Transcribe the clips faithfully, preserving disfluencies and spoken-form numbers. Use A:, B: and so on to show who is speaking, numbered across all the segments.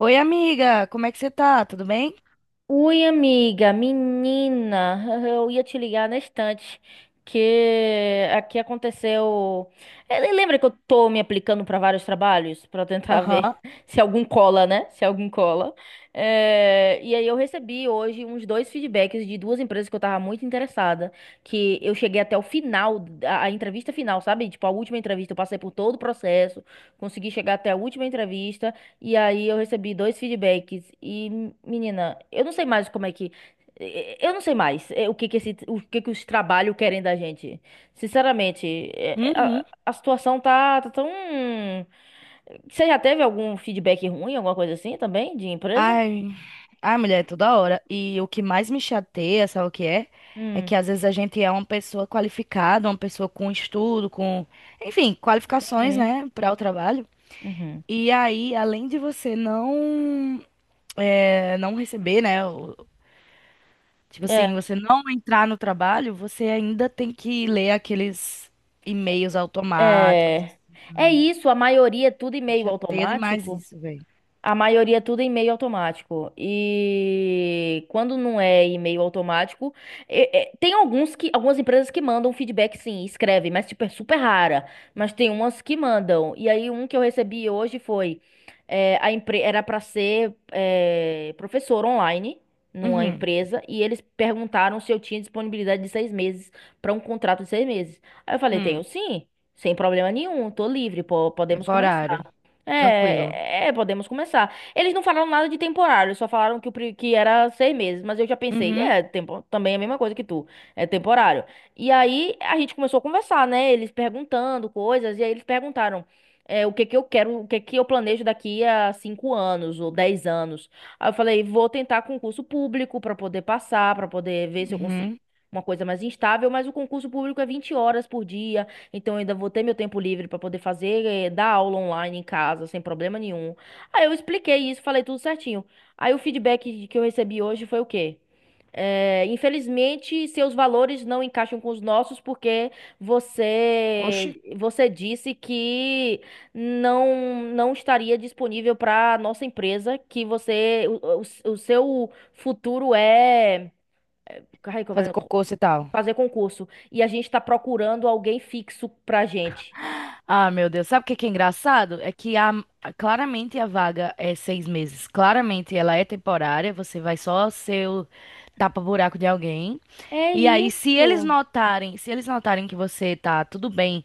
A: Oi, amiga, como é que você tá? Tudo bem?
B: Ui, amiga, menina, eu ia te ligar na estante que aqui aconteceu. Eh, Lembra que eu tô me aplicando para vários trabalhos para tentar ver
A: Aham.
B: se algum cola, né? Se algum cola. Eh, e aí eu recebi hoje uns dois feedbacks de duas empresas que eu tava muito interessada, que eu cheguei até o final, a, a entrevista final, sabe? Tipo, a última entrevista, eu passei por todo o processo, consegui chegar até a última entrevista. E aí eu recebi dois feedbacks e, menina, eu não sei mais como é que eh, eu não sei mais eh, o que que esse, o que que os trabalhos querem da gente. Sinceramente, eh,
A: Uhum.
B: a, a situação tá, tá tão. Você já teve algum feedback ruim, alguma coisa assim também, de empresa?
A: Ai, ai, mulher, é toda hora. E o que mais me chateia, sabe o que é? É
B: Hum.
A: que às vezes a gente é uma pessoa qualificada, uma pessoa com estudo, com, enfim, qualificações,
B: Uhum.
A: né, para o trabalho.
B: Uhum.
A: E aí, além de você não, é, não receber, né, o- tipo
B: É,
A: assim, você não entrar no trabalho, você ainda tem que ler aqueles e-mails automáticos.
B: é, é isso, a maioria é tudo
A: Me
B: e-mail
A: chateia demais
B: automático.
A: isso, velho.
B: A maioria é tudo em e-mail automático. E quando não é e-mail automático, é- é- tem alguns que, algumas empresas que mandam feedback, sim, escrevem, mas tipo, é super rara. Mas tem umas que mandam. E aí, um que eu recebi hoje foi: é, a empre era para ser é, professor online numa
A: Uhum.
B: empresa, e eles perguntaram se eu tinha disponibilidade de seis meses para um contrato de seis meses. Aí eu falei: tenho
A: Hum.
B: sim, sem problema nenhum, tô livre, po- podemos começar.
A: Temporário. Tranquilo.
B: É, é, é, podemos começar. Eles não falaram nada de temporário, só falaram que, o, pri- que era seis meses, mas eu já pensei,
A: Uhum,
B: é, tempo, também é a mesma coisa que tu, é temporário. E aí a gente começou a conversar, né? Eles perguntando coisas, e aí eles perguntaram é, o que que eu quero, o que que eu planejo daqui a cinco anos ou dez anos. Aí eu falei, vou tentar concurso público para poder passar, para poder ver se eu consigo
A: uhum.
B: uma coisa mais instável, mas o concurso público é vinte horas por dia. Então eu ainda vou ter meu tempo livre pra poder fazer, eh, dar aula online em casa, sem problema nenhum. Aí eu expliquei isso, falei tudo certinho. Aí o feedback que eu recebi hoje foi o quê? Eh, infelizmente, seus valores não encaixam com os nossos porque
A: Oxi,
B: você você disse que não não estaria disponível para nossa empresa, que você o, o, o seu futuro é. Ai, como
A: fazer
B: é?
A: cocô e tal.
B: Fazer concurso e a gente está procurando alguém fixo pra gente.
A: Ah, meu Deus. Sabe o que que é engraçado? É que a, claramente a vaga é seis meses. Claramente ela é temporária. Você vai só ser o tapa-buraco de alguém.
B: É
A: E aí, se eles
B: isso.
A: notarem, se eles notarem que você tá tudo bem,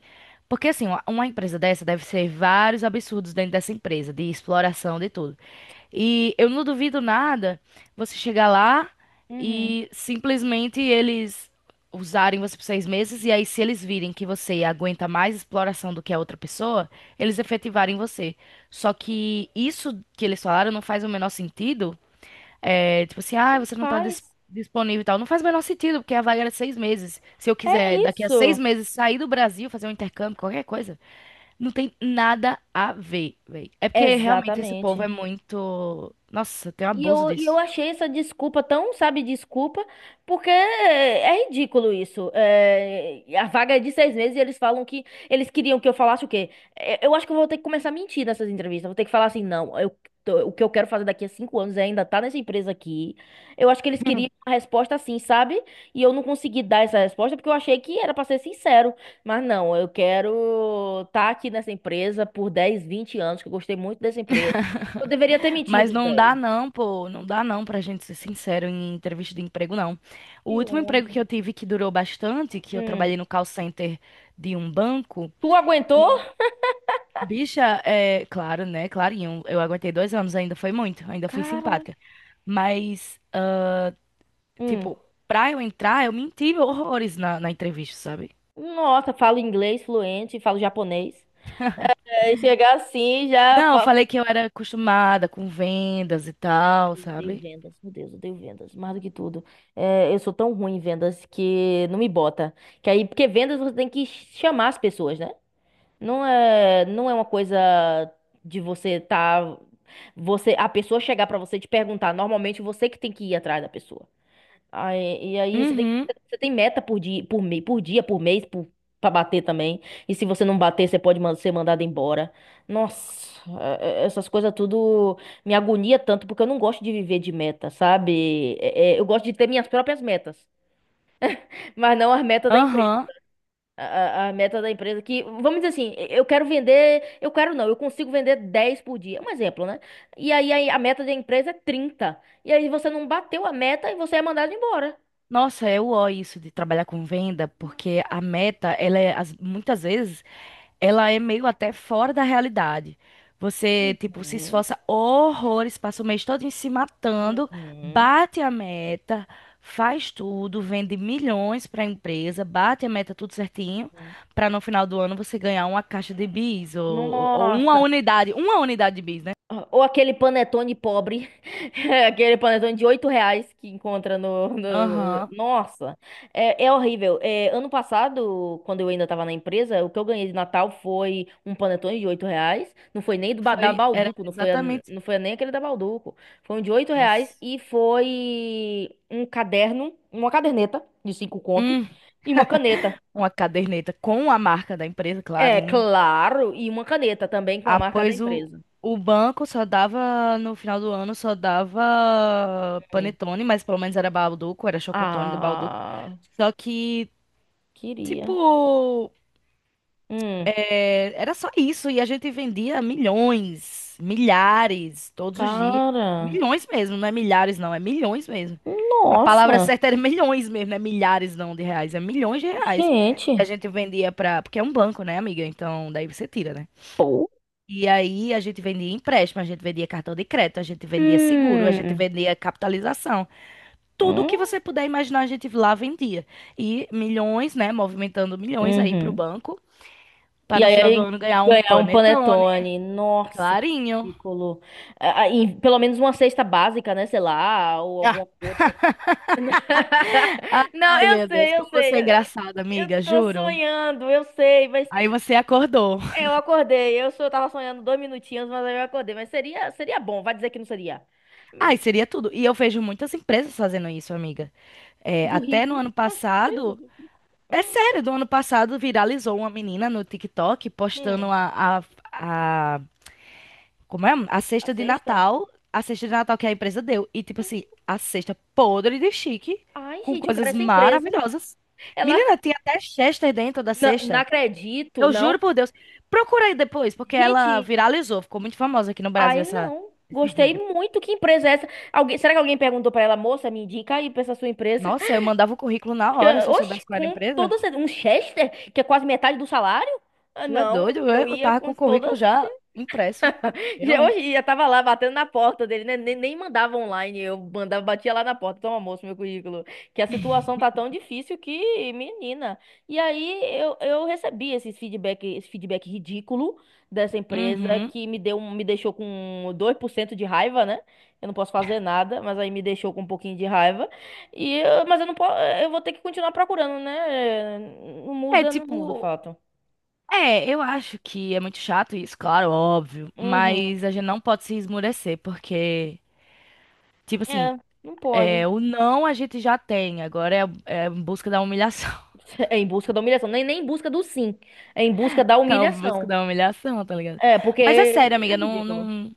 A: porque assim, uma uma empresa dessa deve ser vários absurdos dentro dessa empresa, de exploração, de tudo. E eu não duvido nada você chegar lá
B: Uhum.
A: e simplesmente eles usarem você por seis meses, e aí, se eles virem que você aguenta mais exploração do que a outra pessoa, eles efetivarem você. Só que isso que eles falaram não faz o menor sentido. É, tipo assim, ah, você não tá dis-
B: Faz.
A: disponível e tal. Não faz o menor sentido, porque a vaga era de seis meses. Se eu
B: É
A: quiser, daqui a seis
B: isso.
A: meses, sair do Brasil, fazer um intercâmbio, qualquer coisa. Não tem nada a ver, velho. É porque realmente esse povo é
B: Exatamente.
A: muito. Nossa, tem um
B: E
A: abuso
B: eu, e eu
A: disso.
B: achei essa desculpa tão, sabe, desculpa, porque é ridículo isso. É, a vaga é de seis meses e eles falam que eles queriam que eu falasse o quê? É, Eu acho que eu vou ter que começar a mentir nessas entrevistas. Vou ter que falar assim, não, eu, tô- o que eu quero fazer daqui a cinco anos é ainda estar nessa empresa aqui. Eu acho que eles
A: Hum.
B: queriam uma resposta assim, sabe? E eu não consegui dar essa resposta porque eu achei que era para ser sincero. Mas não, eu quero estar aqui nessa empresa por dez vinte anos, que eu gostei muito dessa empresa. Eu deveria ter
A: Mas
B: mentido,
A: não dá
B: velho.
A: não, pô, não dá não pra gente ser sincero em entrevista de emprego, não. O
B: Que
A: último emprego
B: ódio.
A: que eu tive que durou bastante, que eu
B: Hum.
A: trabalhei no call center de um banco,
B: Tu aguentou?
A: e, bicha, é, claro, né, clarinho, eu aguentei dois anos, ainda foi muito, ainda fui
B: Cara.
A: simpática. Mas, ah,
B: Hum.
A: tipo, pra eu entrar, eu menti horrores na, na entrevista, sabe?
B: Nossa, falo inglês fluente, falo japonês. É, chegar assim já.
A: Não, eu
B: Fa-
A: falei que eu era acostumada com vendas e tal,
B: Eu odeio
A: sabe?
B: vendas, meu Deus, eu odeio vendas, mais do que tudo. É, eu sou tão ruim em vendas que não me bota. Que aí, porque vendas você tem que chamar as pessoas, né? Não é, não é uma coisa de você tá, você, a pessoa chegar pra você e te perguntar. Normalmente você que tem que ir atrás da pessoa. Aí, e aí você tem,
A: Uhum,
B: você tem meta por dia, por, me- por dia, por mês, por, pra bater também. E se você não bater, você pode man- ser mandado embora. Nossa, é- é- essas coisas tudo me agonia tanto, porque eu não gosto de viver de meta, sabe? É- é, eu gosto de ter minhas próprias metas, mas não as metas da empresa.
A: aham.
B: A, a- a meta da empresa que, vamos dizer assim, eu quero vender, eu quero não, eu consigo vender dez por dia, um exemplo, né? E aí aí a meta da empresa é trinta. E aí você não bateu a meta e você é mandado embora.
A: Nossa, eu ó isso de trabalhar com venda, porque a meta, ela é, as- muitas vezes, ela é meio até fora da realidade. Você, tipo, se
B: Uhum.
A: esforça horrores, passa o mês todo se matando,
B: Uhum,
A: bate a meta, faz tudo, vende milhões para a empresa, bate a meta tudo certinho,
B: uhum.
A: para no final do ano você ganhar uma caixa de bis ou, ou uma
B: Nossa.
A: unidade, uma unidade de bis, né?
B: Ou aquele panetone pobre. Aquele panetone de oito reais que encontra no, no-
A: Aham.
B: Nossa. É, é horrível. É, ano passado, quando eu ainda estava na empresa, o que eu ganhei de Natal foi um panetone de oito reais. Não foi nem do, ba- da
A: Foi, era
B: Balduco, não foi, a-
A: exatamente.
B: não foi nem aquele da Balduco. Foi um de oito reais
A: Nossa.
B: e foi um caderno, uma caderneta de cinco conto
A: Hum,
B: e uma caneta.
A: uma caderneta com a marca da empresa,
B: É,
A: clarinho.
B: claro. E uma caneta também com a marca da
A: Após o,
B: empresa.
A: o banco só dava, no final do ano, só dava
B: Hum.
A: panetone, mas pelo menos era Balduco, era Chocotone do Balduco.
B: Ah,
A: Só que,
B: queria.
A: tipo,
B: Hum.
A: é, era só isso, e a gente vendia milhões, milhares, todos os dias.
B: Cara.
A: Milhões mesmo, não é milhares, não, é milhões mesmo. A palavra
B: Nossa.
A: certa era milhões mesmo, não é milhares não de reais, é milhões de reais. Que a
B: Gente.
A: gente vendia pra. Porque é um banco, né, amiga? Então daí você tira, né?
B: Pô.
A: E aí a gente vendia empréstimo, a gente vendia cartão de crédito, a gente vendia seguro, a gente
B: Hum.
A: vendia capitalização. Tudo que
B: Hum.
A: você puder imaginar, a gente lá vendia. E milhões, né? Movimentando milhões aí pro
B: Uhum.
A: banco. Pra
B: E
A: no final do
B: aí
A: ano ganhar um
B: ganhar um
A: panetone,
B: panetone. Nossa, que
A: clarinho.
B: ridículo. Ah, ah, e pelo menos uma cesta básica, né? Sei lá, ou alguma outra.
A: Ah,
B: Não,
A: ai,
B: eu
A: meu Deus,
B: sei, eu
A: como
B: sei.
A: você é
B: Eu
A: engraçada,
B: eu
A: amiga,
B: tô
A: juro.
B: sonhando, eu sei, mas
A: Aí você acordou.
B: É, eu acordei, eu só tava sonhando dois minutinhos, mas aí eu acordei. Mas seria, seria bom, vai dizer que não seria.
A: Ai,
B: Hum.
A: seria tudo. E eu vejo muitas empresas fazendo isso, amiga. É,
B: Do
A: até no
B: rico,
A: ano
B: nossa empresa
A: passado.
B: do rico.
A: É sério, do ano passado viralizou uma menina no TikTok postando
B: Hum,
A: a, a, a, como é? A
B: a
A: cesta de
B: sexta?
A: Natal. A cesta de Natal que a empresa deu. E, tipo assim, a cesta podre de chique,
B: Ai,
A: com
B: gente, eu quero
A: coisas
B: essa empresa.
A: maravilhosas.
B: Ela,
A: Menina, tinha até Chester dentro da
B: não, não
A: cesta.
B: acredito,
A: Eu
B: não.
A: juro por Deus. Procura aí depois, porque ela
B: Gente,
A: viralizou, ficou muito famosa aqui no Brasil
B: ai,
A: essa,
B: não.
A: esse
B: Gostei
A: vídeo.
B: muito. Que empresa é essa? Alguém, será que alguém perguntou pra ela, moça, me indica aí pra essa sua empresa?
A: Nossa, eu mandava o currículo na hora se
B: Eu,
A: eu
B: oxe,
A: soubesse qual era a
B: com
A: empresa.
B: toda certeza. Um Chester, que é quase metade do salário? Ah,
A: Tu é
B: não,
A: doido?
B: eu
A: Eu eu
B: ia
A: tava com
B: com
A: o
B: toda.
A: currículo já impresso. Eu,
B: Já-
A: hein?
B: hoje eu tava lá batendo na porta dele, né? Nem, nem mandava online, eu mandava, batia lá na porta, toma moço, meu currículo. Que a situação tá tão difícil que, menina. E aí eu, eu recebi esse feedback, esse feedback ridículo dessa empresa
A: Uhum.
B: que me deu, um- me deixou com dois por cento de raiva, né? Eu não posso fazer nada, mas aí me deixou com um pouquinho de raiva. E eu- mas eu não posso, eu vou ter que continuar procurando, né? Não
A: É
B: muda, não muda o
A: tipo.
B: fato.
A: É, eu acho que é muito chato isso, claro, óbvio.
B: Uhum.
A: Mas a gente não pode se esmurecer, porque, tipo assim,
B: É, não pode.
A: é, o não a gente já tem. Agora é, é em busca da humilhação.
B: É em busca da humilhação. Nem, nem em busca do sim. É em busca da
A: É em busca
B: humilhação.
A: da humilhação, tá ligado?
B: É, porque
A: Mas é sério,
B: é
A: amiga, não,
B: ridículo.
A: não.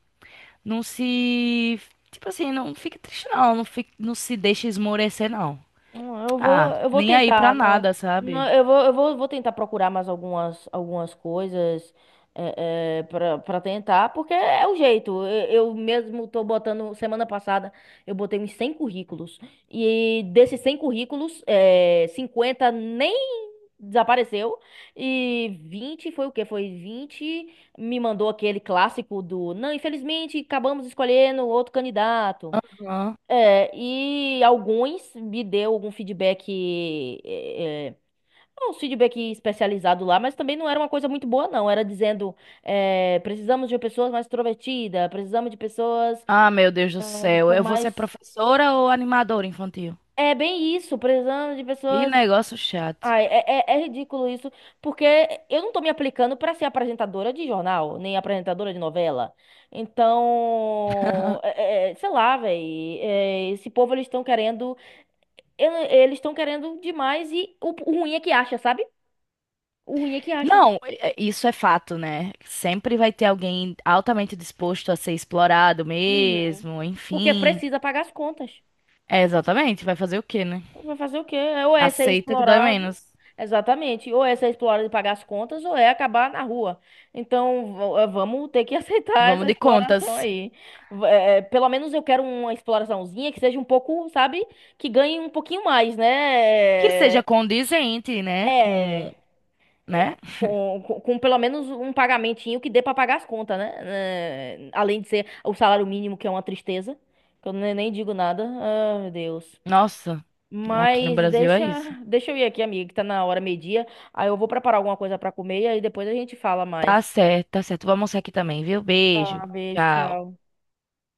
A: Não se. Tipo assim, não fique triste, não. Não, fique, não se deixe esmorecer, não.
B: Hum. Eu vou,
A: Ah,
B: eu vou
A: nem aí pra
B: tentar, não.
A: nada, sabe?
B: Não, eu vou, eu vou, vou tentar procurar mais algumas, algumas coisas é, para tentar, porque é o jeito. Eu, eu mesmo tô botando, semana passada, eu botei uns cem currículos. E desses cem currículos, é, cinquenta nem desapareceu. E vinte foi o quê? Foi vinte me mandou aquele clássico do, não, infelizmente acabamos escolhendo outro candidato.
A: Aham.
B: É, e alguns me deu algum feedback, é, é, uns feedback especializado lá, mas também não era uma coisa muito boa, não. Era dizendo, é, precisamos de pessoas mais extrovertidas, precisamos de pessoas,
A: Ah, meu Deus do
B: ah,
A: céu.
B: com
A: Eu vou ser
B: mais...
A: professora ou animadora infantil?
B: É bem isso, precisamos de
A: Que
B: pessoas.
A: negócio chato.
B: Ai, é, é, é ridículo isso, porque eu não tô me aplicando pra ser apresentadora de jornal, nem apresentadora de novela. Então, é- é, é, sei lá, velho, esse povo eles estão querendo, eu- eles estão querendo demais e o, o ruim é que acha, sabe? O ruim é que acha,
A: Não, é- é- isso é fato, né? Sempre vai ter alguém altamente disposto a ser explorado
B: Uhum.
A: mesmo,
B: porque
A: enfim.
B: precisa pagar as contas.
A: É, exatamente. Vai fazer o quê, né?
B: Vai fazer o quê? É, Ou é ser
A: Aceita que dói
B: explorado.
A: menos.
B: Exatamente. Ou é ser explorado e pagar as contas, ou é acabar na rua. Então, v- eh, vamos ter que aceitar
A: Vamos
B: essa
A: de
B: exploração
A: contas.
B: aí. V- eh, pelo menos eu quero uma exploraçãozinha que seja um pouco, sabe? Que ganhe um pouquinho mais,
A: Que
B: né?
A: seja
B: É.
A: condizente, né? Com.
B: é, é,
A: Né?
B: Com, com, com pelo menos um pagamentinho que dê pra pagar as contas, né? Eh, Além de ser o salário mínimo, que é uma tristeza. Que eu ne- nem digo nada. Ah, meu Deus.
A: Nossa, aqui no
B: Mas
A: Brasil é
B: deixa,
A: isso.
B: deixa eu ir aqui, amiga, que tá na hora meio-dia. Aí eu vou preparar alguma coisa pra comer e aí depois a gente fala
A: Tá
B: mais.
A: certo, tá certo. Vou almoçar aqui também, viu? Beijo.
B: Uma vez,
A: Tchau.
B: tchau.